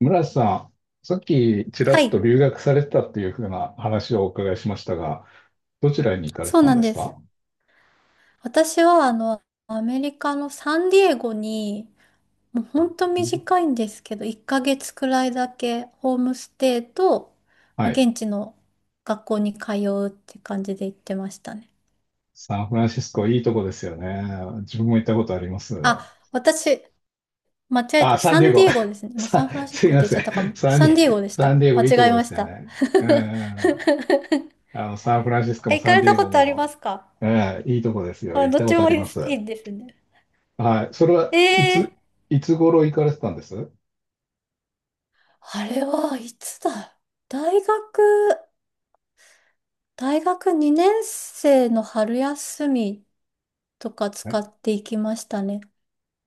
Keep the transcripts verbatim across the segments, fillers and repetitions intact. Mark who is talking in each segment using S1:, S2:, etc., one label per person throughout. S1: 村瀬さん、さっきちら
S2: は
S1: っと
S2: い、
S1: 留学されてたっていうふうな話をお伺いしましたが、どちらに行かれて
S2: そう
S1: たん
S2: なん
S1: です
S2: です。
S1: か？
S2: 私はあのアメリカのサンディエゴに、もうほんと短いんですけどいっかげつくらいだけホームステイと、まあ
S1: はい。
S2: 現地の学校に通うって感じで行ってましたね。
S1: サンフランシスコ、いいとこですよね。自分も行ったことあります。
S2: あ、私間違え
S1: あ、
S2: て、
S1: サン
S2: サ
S1: ディエ
S2: ンディ
S1: ゴ。
S2: エゴですね。今サ
S1: さ、
S2: ンフランシス
S1: すい
S2: コっ
S1: ま
S2: て言っちゃ
S1: せ
S2: っ
S1: ん。
S2: たかも。
S1: サン
S2: サ
S1: デ
S2: ン
S1: ィ、
S2: ディエゴでし
S1: サン
S2: た。
S1: ディエ
S2: 間
S1: ゴいいと
S2: 違え
S1: こで
S2: まし
S1: すよ
S2: た。
S1: ね。うん。あの、サンフランシスコ
S2: え、
S1: も
S2: 行
S1: サ
S2: か
S1: ン
S2: れ
S1: ディ
S2: た
S1: エ
S2: こ
S1: ゴ
S2: とありま
S1: も、
S2: すか？
S1: うん、いいとこですよ。
S2: あ、
S1: 行っ
S2: ど
S1: た
S2: っ
S1: こ
S2: ち
S1: とあ
S2: も
S1: り
S2: い
S1: ま
S2: い、
S1: す。
S2: いいですね。
S1: はい。それはい
S2: えー
S1: つ、いつ頃行かれてたんです？
S2: あれはいつだ。大学、大学にねん生の春休みとか
S1: は
S2: 使
S1: い。
S2: っていきましたね。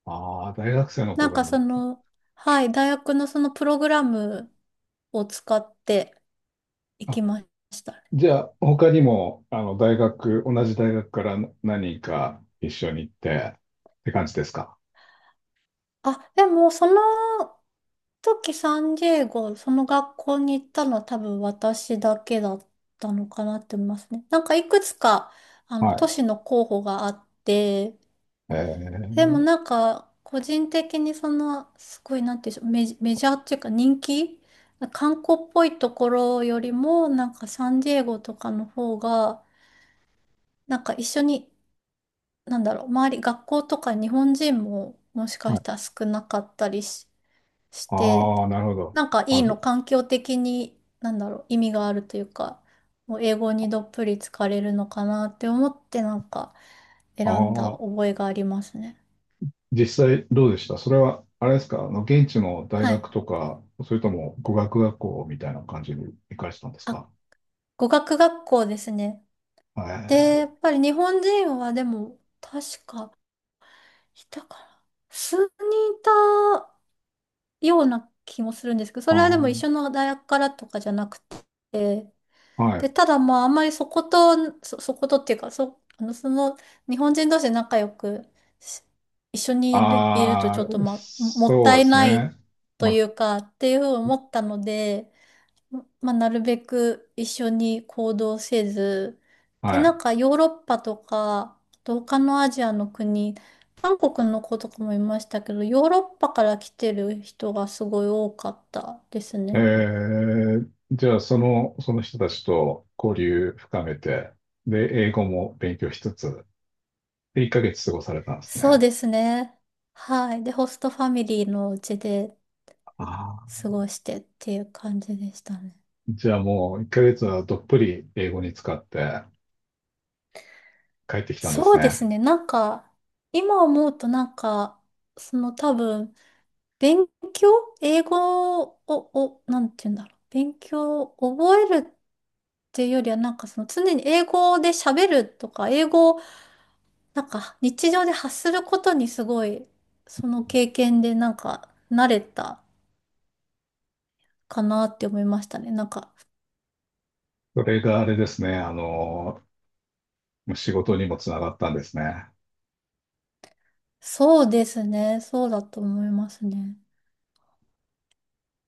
S1: ああ、大学生の
S2: なん
S1: 頃
S2: か
S1: に
S2: そ
S1: 行った。
S2: の、はい、大学のそのプログラムを使ってい
S1: あ、
S2: きましたね。
S1: じゃあ、他にも、あの、大学、同じ大学から何人か一緒に行って、って感じですか？
S2: あ、でもその時サンディエゴ、その学校に行ったのは多分私だけだったのかなって思いますね。なんかいくつか、あの、都
S1: は
S2: 市の候補があって、
S1: い。え
S2: でも
S1: ー、
S2: なんか、個人的にその、すごいなんていうんでしょう、メジ、メジャーっていうか、人気観光っぽいところよりも、なんかサンディエゴとかの方が、なんか一緒に、なんだろう、周り、学校とか日本人ももしか
S1: は
S2: し
S1: い。
S2: たら少なかったりし、して、
S1: ああ、なるほど。
S2: なんかいい
S1: あ、
S2: の、
S1: じ
S2: 環境的に、なんだろう、意味があるというか、もう英語にどっぷり浸かれるのかなって思って、なんか選
S1: あ
S2: んだ
S1: あ、
S2: 覚えがありますね。
S1: 実際どうでしたそれは、あれですか、あの、現地の大
S2: は
S1: 学
S2: い。
S1: とか、それとも語学学校みたいな感じに行かれてたんです
S2: あ、
S1: か？
S2: 語学学校ですね。
S1: え
S2: で、や
S1: ー、
S2: っぱり日本人はでも、確か、いたから、数人いたような気もするんですけど、そ
S1: あ
S2: れはでも一
S1: ー、
S2: 緒の大学からとかじゃなくて、
S1: は
S2: で、
S1: い。
S2: ただまあ、あんまりそこと、そ、そことっていうか、そ、あの、その、日本人同士で仲良くし、一緒にいる、いるとち
S1: あ
S2: ょっと、
S1: あ、
S2: まあ、ももっ
S1: そ
S2: た
S1: うで
S2: い
S1: す
S2: ない
S1: ね。
S2: とい
S1: ま、
S2: うか、っていうふうに思ったので、まあ、なるべく一緒に行動せず、で、なん
S1: は
S2: かヨーロッパとか、あと他のアジアの国、韓国の子とかもいましたけど、ヨーロッパから来てる人がすごい多かったです
S1: い。え
S2: ね。
S1: ー、じゃあ、その、その人たちと交流深めて、で、英語も勉強しつつ、で、いっかげつ過ごされたんです
S2: そう
S1: ね。
S2: ですね。はい。で、ホストファミリーのうちで
S1: ああ、
S2: 過ごしてっていう感じでしたね。
S1: じゃあもういっかげつはどっぷり英語に使って帰ってきたんです
S2: そうで
S1: ね。
S2: すね。なんか、今思うとなんか、その多分、勉強英語を、を、なんて言うんだろう。勉強を覚えるっていうよりは、なんかその常に英語で喋るとか、英語をなんか日常で発することにすごい、その経験でなんか慣れたかなって思いましたね。なんか、
S1: それがあれですね、あの、仕事にもつながったんですね。
S2: そうですね。そうだと思いますね。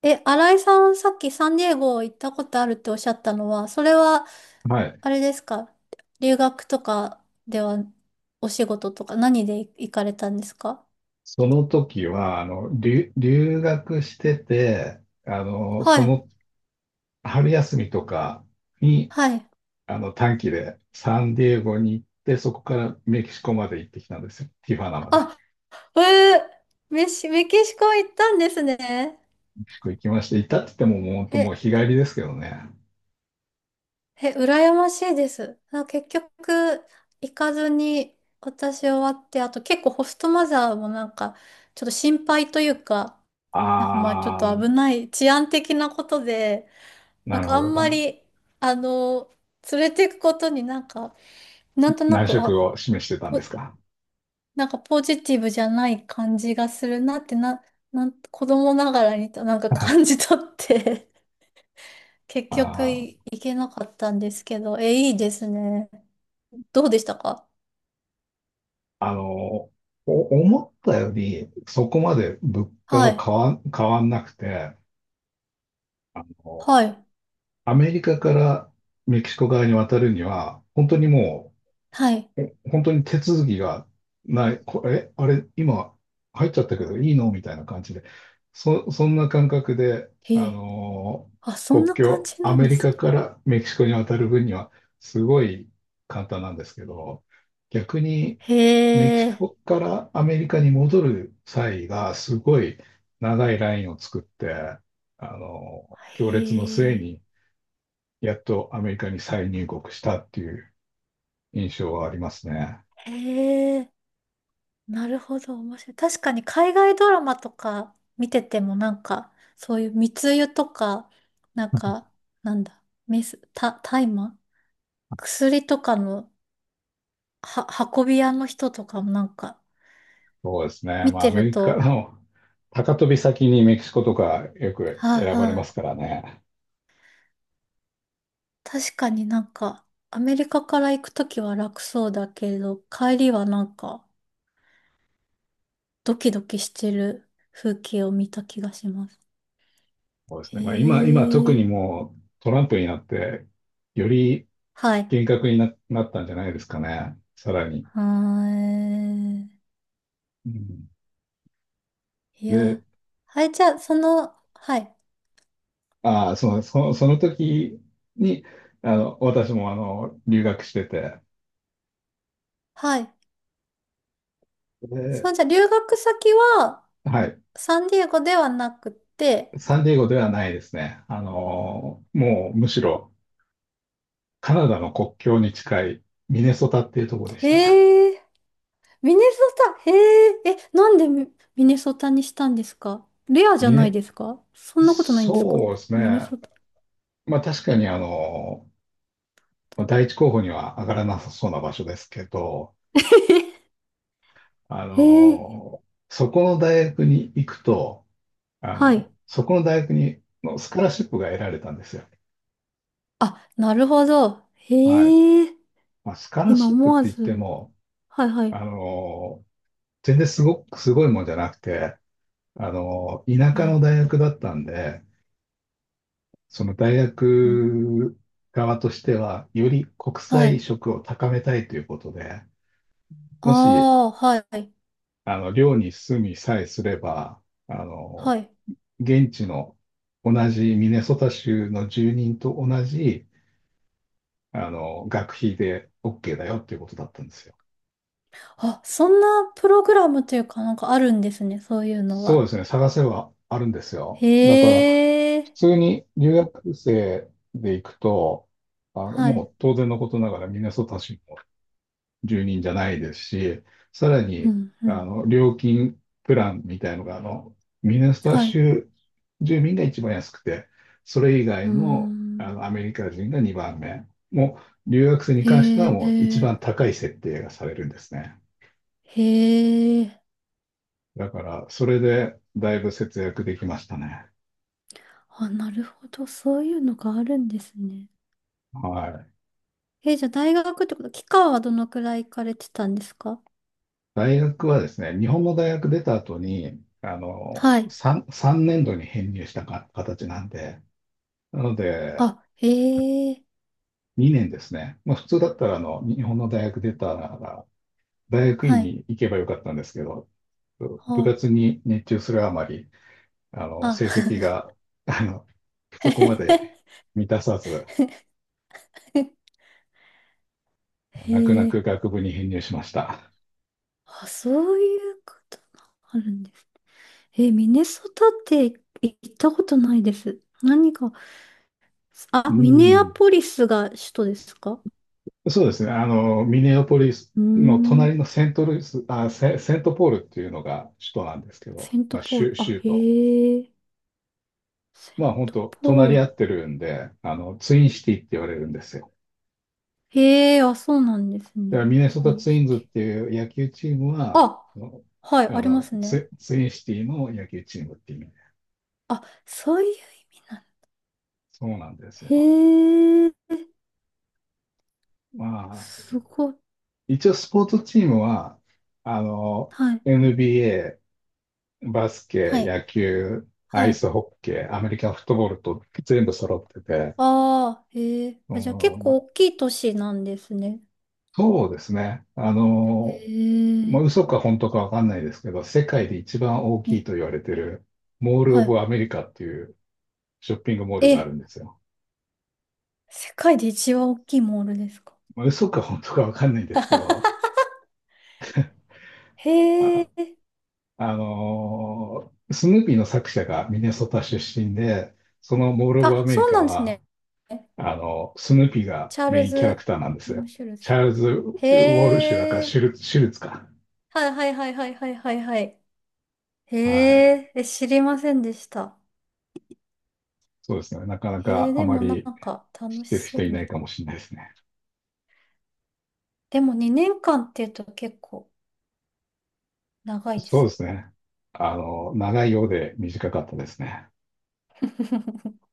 S2: え、新井さん、さっきサンディエゴ行ったことあるっておっしゃったのは、それは
S1: はい。
S2: あれですか？留学とかでは、お仕事とか何で行かれたんですか？
S1: その時は、あの、留、留学してて、あの、
S2: は
S1: そ
S2: い。
S1: の春休みとかに、
S2: はい。
S1: あの、短期でサンディエゴに行って、そこからメキシコまで行ってきたんですよ。ティファナまで。
S2: あ、えー、メシ、メキシコ行ったんですね。
S1: メキシコ行きまして、行ったって言っても、もう本当
S2: え、
S1: もう日帰りですけどね。
S2: え、羨ましいです。あ、結局、行かずに私終わって、あと結構ホストマザーもなんか、ちょっと心配というか、なんかまあちょっ
S1: あ
S2: と危
S1: あ、
S2: ない、治安的なことで、なん
S1: なる
S2: かあ
S1: ほど
S2: んま
S1: だ。
S2: り、あの、連れていくことになんか、なんとな
S1: 難
S2: く、
S1: 色
S2: あ、
S1: を示してたんで
S2: お
S1: すか。
S2: なんかポジティブじゃない感じがするなって、な、なん、子供ながらにとなんか感
S1: あ
S2: じ取って、 結局、
S1: あ。
S2: い、いけなかったんですけど、え、いいですね。どうでしたか？
S1: あの、お思ったより、そこまで物価
S2: は
S1: が変
S2: い。
S1: わん、変わんなくて、あの、
S2: はい。
S1: アメリカからメキシコ側に渡るには、本当にも
S2: はい。
S1: え本当に手続きがない、これ、えあれ、今入っちゃったけどいいのみたいな感じで、そ、そんな感覚で、
S2: へ
S1: あ
S2: え。
S1: のー
S2: あ、そん
S1: 国
S2: な感
S1: 境、
S2: じ
S1: ア
S2: なん
S1: メ
S2: で
S1: リ
S2: す
S1: カ
S2: ね。
S1: からメキシコに渡る分にはすごい簡単なんですけど、逆にメキ
S2: へ
S1: シ
S2: え。
S1: コからアメリカに戻る際がすごい長いラインを作って、あのー行
S2: へ
S1: 列の末
S2: え。
S1: にやっとアメリカに再入国したっていう印象はありますね。
S2: へえ。なるほど、面白い。確かに海外ドラマとか見ててもなんか、そういう密輸とか、なんか、なんだ、メス、た、大麻薬とかのは、運び屋の人とかもなんか、
S1: そうですね。
S2: 見
S1: まあ、
S2: て
S1: アメ
S2: る
S1: リカ
S2: と、
S1: の高飛び先にメキシコとかよく
S2: はい
S1: 選ばれ
S2: は
S1: ます
S2: い。
S1: からね。
S2: 確かになんか、アメリカから行くときは楽そうだけれど、帰りはなんか、ドキドキしてる風景を見た気がします。
S1: そうです
S2: へ
S1: ね。まあ、今、今特
S2: え。
S1: にもうトランプになって、より
S2: はい。
S1: 厳格にな、なったんじゃないですかね。さらに。
S2: はーい。
S1: うん、
S2: い
S1: で、
S2: や、はい、じゃあ、その、はい、
S1: ああ、その、その、その時に、あの、私もあの、留学してて、
S2: はい。そ
S1: で、
S2: う、じゃあ、留学先は、
S1: はい。
S2: サンディエゴではなくて、
S1: サンディエゴではないですね。あの、もうむしろカナダの国境に近いミネソタっていうところ
S2: え
S1: でした。
S2: ー、ミ、ネソタ、へえ、え、なんでミ、ミネソタにしたんですか？レアじゃ
S1: ミ
S2: ない
S1: ネ、
S2: ですか？そんなことないんですか？
S1: そうです
S2: ミネ
S1: ね。
S2: ソタ。
S1: まあ確かにあの、まあ第一候補には上がらなさそうな場所ですけど、あ
S2: へえ、
S1: の、そこの大学に行くと、あ
S2: はい。
S1: の、そこの大学にのスカラシップが得られたんですよ。
S2: あ、なるほど。
S1: はい。
S2: へえ、
S1: まあ、スカラ
S2: 今
S1: シップっ
S2: 思わ
S1: て言って
S2: ず、
S1: も、
S2: はいは
S1: あ
S2: い。
S1: の、全然すごく、すごいもんじゃなくて、あの、田
S2: え
S1: 舎の
S2: ー
S1: 大学だったんで、その大
S2: うん、
S1: 学側としては、より国
S2: は
S1: 際
S2: い。
S1: 色を高めたいということで、
S2: あ
S1: もし、
S2: あ、はい、
S1: あの、寮に住みさえすれば、あの、
S2: はい。
S1: 現地の同じミネソタ州の住人と同じ、あの、学費で OK だよっていうことだったんですよ。
S2: あ、そんなプログラムというかなんかあるんですね、そういうの
S1: そう
S2: は。
S1: ですね、探せばあるんですよ。だか
S2: へ
S1: ら、普
S2: え、
S1: 通に留学生で行くと、あの、
S2: はい。
S1: もう当然のことながらミネソタ州住人じゃないですし、さら
S2: う
S1: に、
S2: ん、う
S1: あ
S2: ん。
S1: の、料金プランみたいのが、あの、ミネソタ
S2: はい。
S1: 州住民が一番安くて、それ以
S2: うー
S1: 外の、あ
S2: ん。
S1: の、アメリカ人がにばんめ。もう、留学生に関して
S2: へ
S1: はもう一
S2: え、
S1: 番高い設定がされるんですね。
S2: へえ。
S1: だから、それでだいぶ節約できましたね。
S2: あ、なるほど。そういうのがあるんですね。
S1: はい。
S2: え、じゃあ大学ってこと、期間はどのくらい行かれてたんですか？
S1: 大学はですね、日本の大学出た後に、あ
S2: はい。
S1: の、3、三年度に編入したか形なんで、なので、
S2: あ、へえ、
S1: にねんですね。まあ、普通だったら、あの、日本の大学出たなら、大学院
S2: はい。
S1: に行けばよかったんですけど、部
S2: ほう。
S1: 活に熱中するあまり、あの、
S2: あ、
S1: 成績が、あの、そ こまで満たさず、泣く
S2: へ
S1: 泣く
S2: え。
S1: 学部に編入しました。
S2: あ、そういうことがあるんですね。えーミネソタって行ったことないです。何か、
S1: う
S2: あ、ミネア
S1: ん。
S2: ポリスが首都ですか？
S1: そうですね。あの、ミネアポリス
S2: うー
S1: の
S2: ん、
S1: 隣のセントルイス、あ、セ、セントポールっていうのが首都なんですけど、
S2: セン
S1: ま
S2: ト
S1: あ、
S2: ポール。
S1: 州、
S2: あ、
S1: 州都。
S2: へえ、セン
S1: まあ、本
S2: ト
S1: 当
S2: ポ
S1: 隣
S2: ー
S1: り合
S2: ル。
S1: ってるんで、あの、ツインシティって言われるんですよ。
S2: へえ、あ、そうなんです
S1: だか
S2: ね。
S1: らミネソタ
S2: 次
S1: ツイ
S2: し
S1: ンズっ
S2: て。
S1: ていう野球チームは、
S2: あ、
S1: あの、
S2: は
S1: あ
S2: い、ありま
S1: の
S2: すね。
S1: ツ、ツインシティの野球チームっていう意味で。
S2: あ、そういう意味なんだ。
S1: そうなんです
S2: へ
S1: よ。
S2: え、
S1: まあ、
S2: すごい。
S1: 一応スポーツチームは、あの、
S2: はい、
S1: エヌビーエー、バスケ、
S2: はい、
S1: 野球、ア
S2: は
S1: イ
S2: い。
S1: スホッケー、アメリカンフットボールと全部揃ってて、
S2: ああ、へえ。
S1: う
S2: あ、じゃあ結
S1: ん、ま
S2: 構
S1: あ、
S2: 大きい都市なんですね。
S1: そうですね。あ
S2: へ
S1: の、ま
S2: え、
S1: あ、嘘か本当かわかんないですけど、世界で一番大
S2: え、
S1: きいと言われてる、モール・オ
S2: は
S1: ブ・
S2: い。
S1: アメリカっていうショッピングモールがあ
S2: え、
S1: るんですよ。
S2: 世界で一番大きいモールですか？
S1: まあ、嘘か本当かわかんないですけど、
S2: へ
S1: あ、
S2: え、
S1: あのースヌーピーの作者がミネソタ出身で、そのモール・オブ・
S2: あ、
S1: アメ
S2: そ
S1: リ
S2: う
S1: カ
S2: なんです
S1: は、
S2: ね。
S1: あの、スヌーピーが
S2: チャー
S1: メ
S2: ル
S1: インキャラク
S2: ズ・
S1: ターなんです
S2: エム・
S1: よ。
S2: シュル
S1: チャ
S2: ズ。
S1: ールズ・ウ
S2: へ
S1: ォルシュだからシ
S2: え、
S1: ュル、シュルツか。
S2: はいはいはいはいはいはいはい。へ
S1: はい。
S2: え、え、知りませんでした。
S1: そうですね。なかな
S2: へ
S1: か
S2: え、
S1: あ
S2: で
S1: ま
S2: もな
S1: り
S2: んか楽
S1: 知っ
S2: し
S1: てる
S2: そ
S1: 人
S2: う
S1: いな
S2: な。
S1: いかもしれないですね。
S2: でもにねんかんっていうと結構長いで
S1: そう
S2: す
S1: で
S2: ね。
S1: すね。あの、長いようで短かったですね。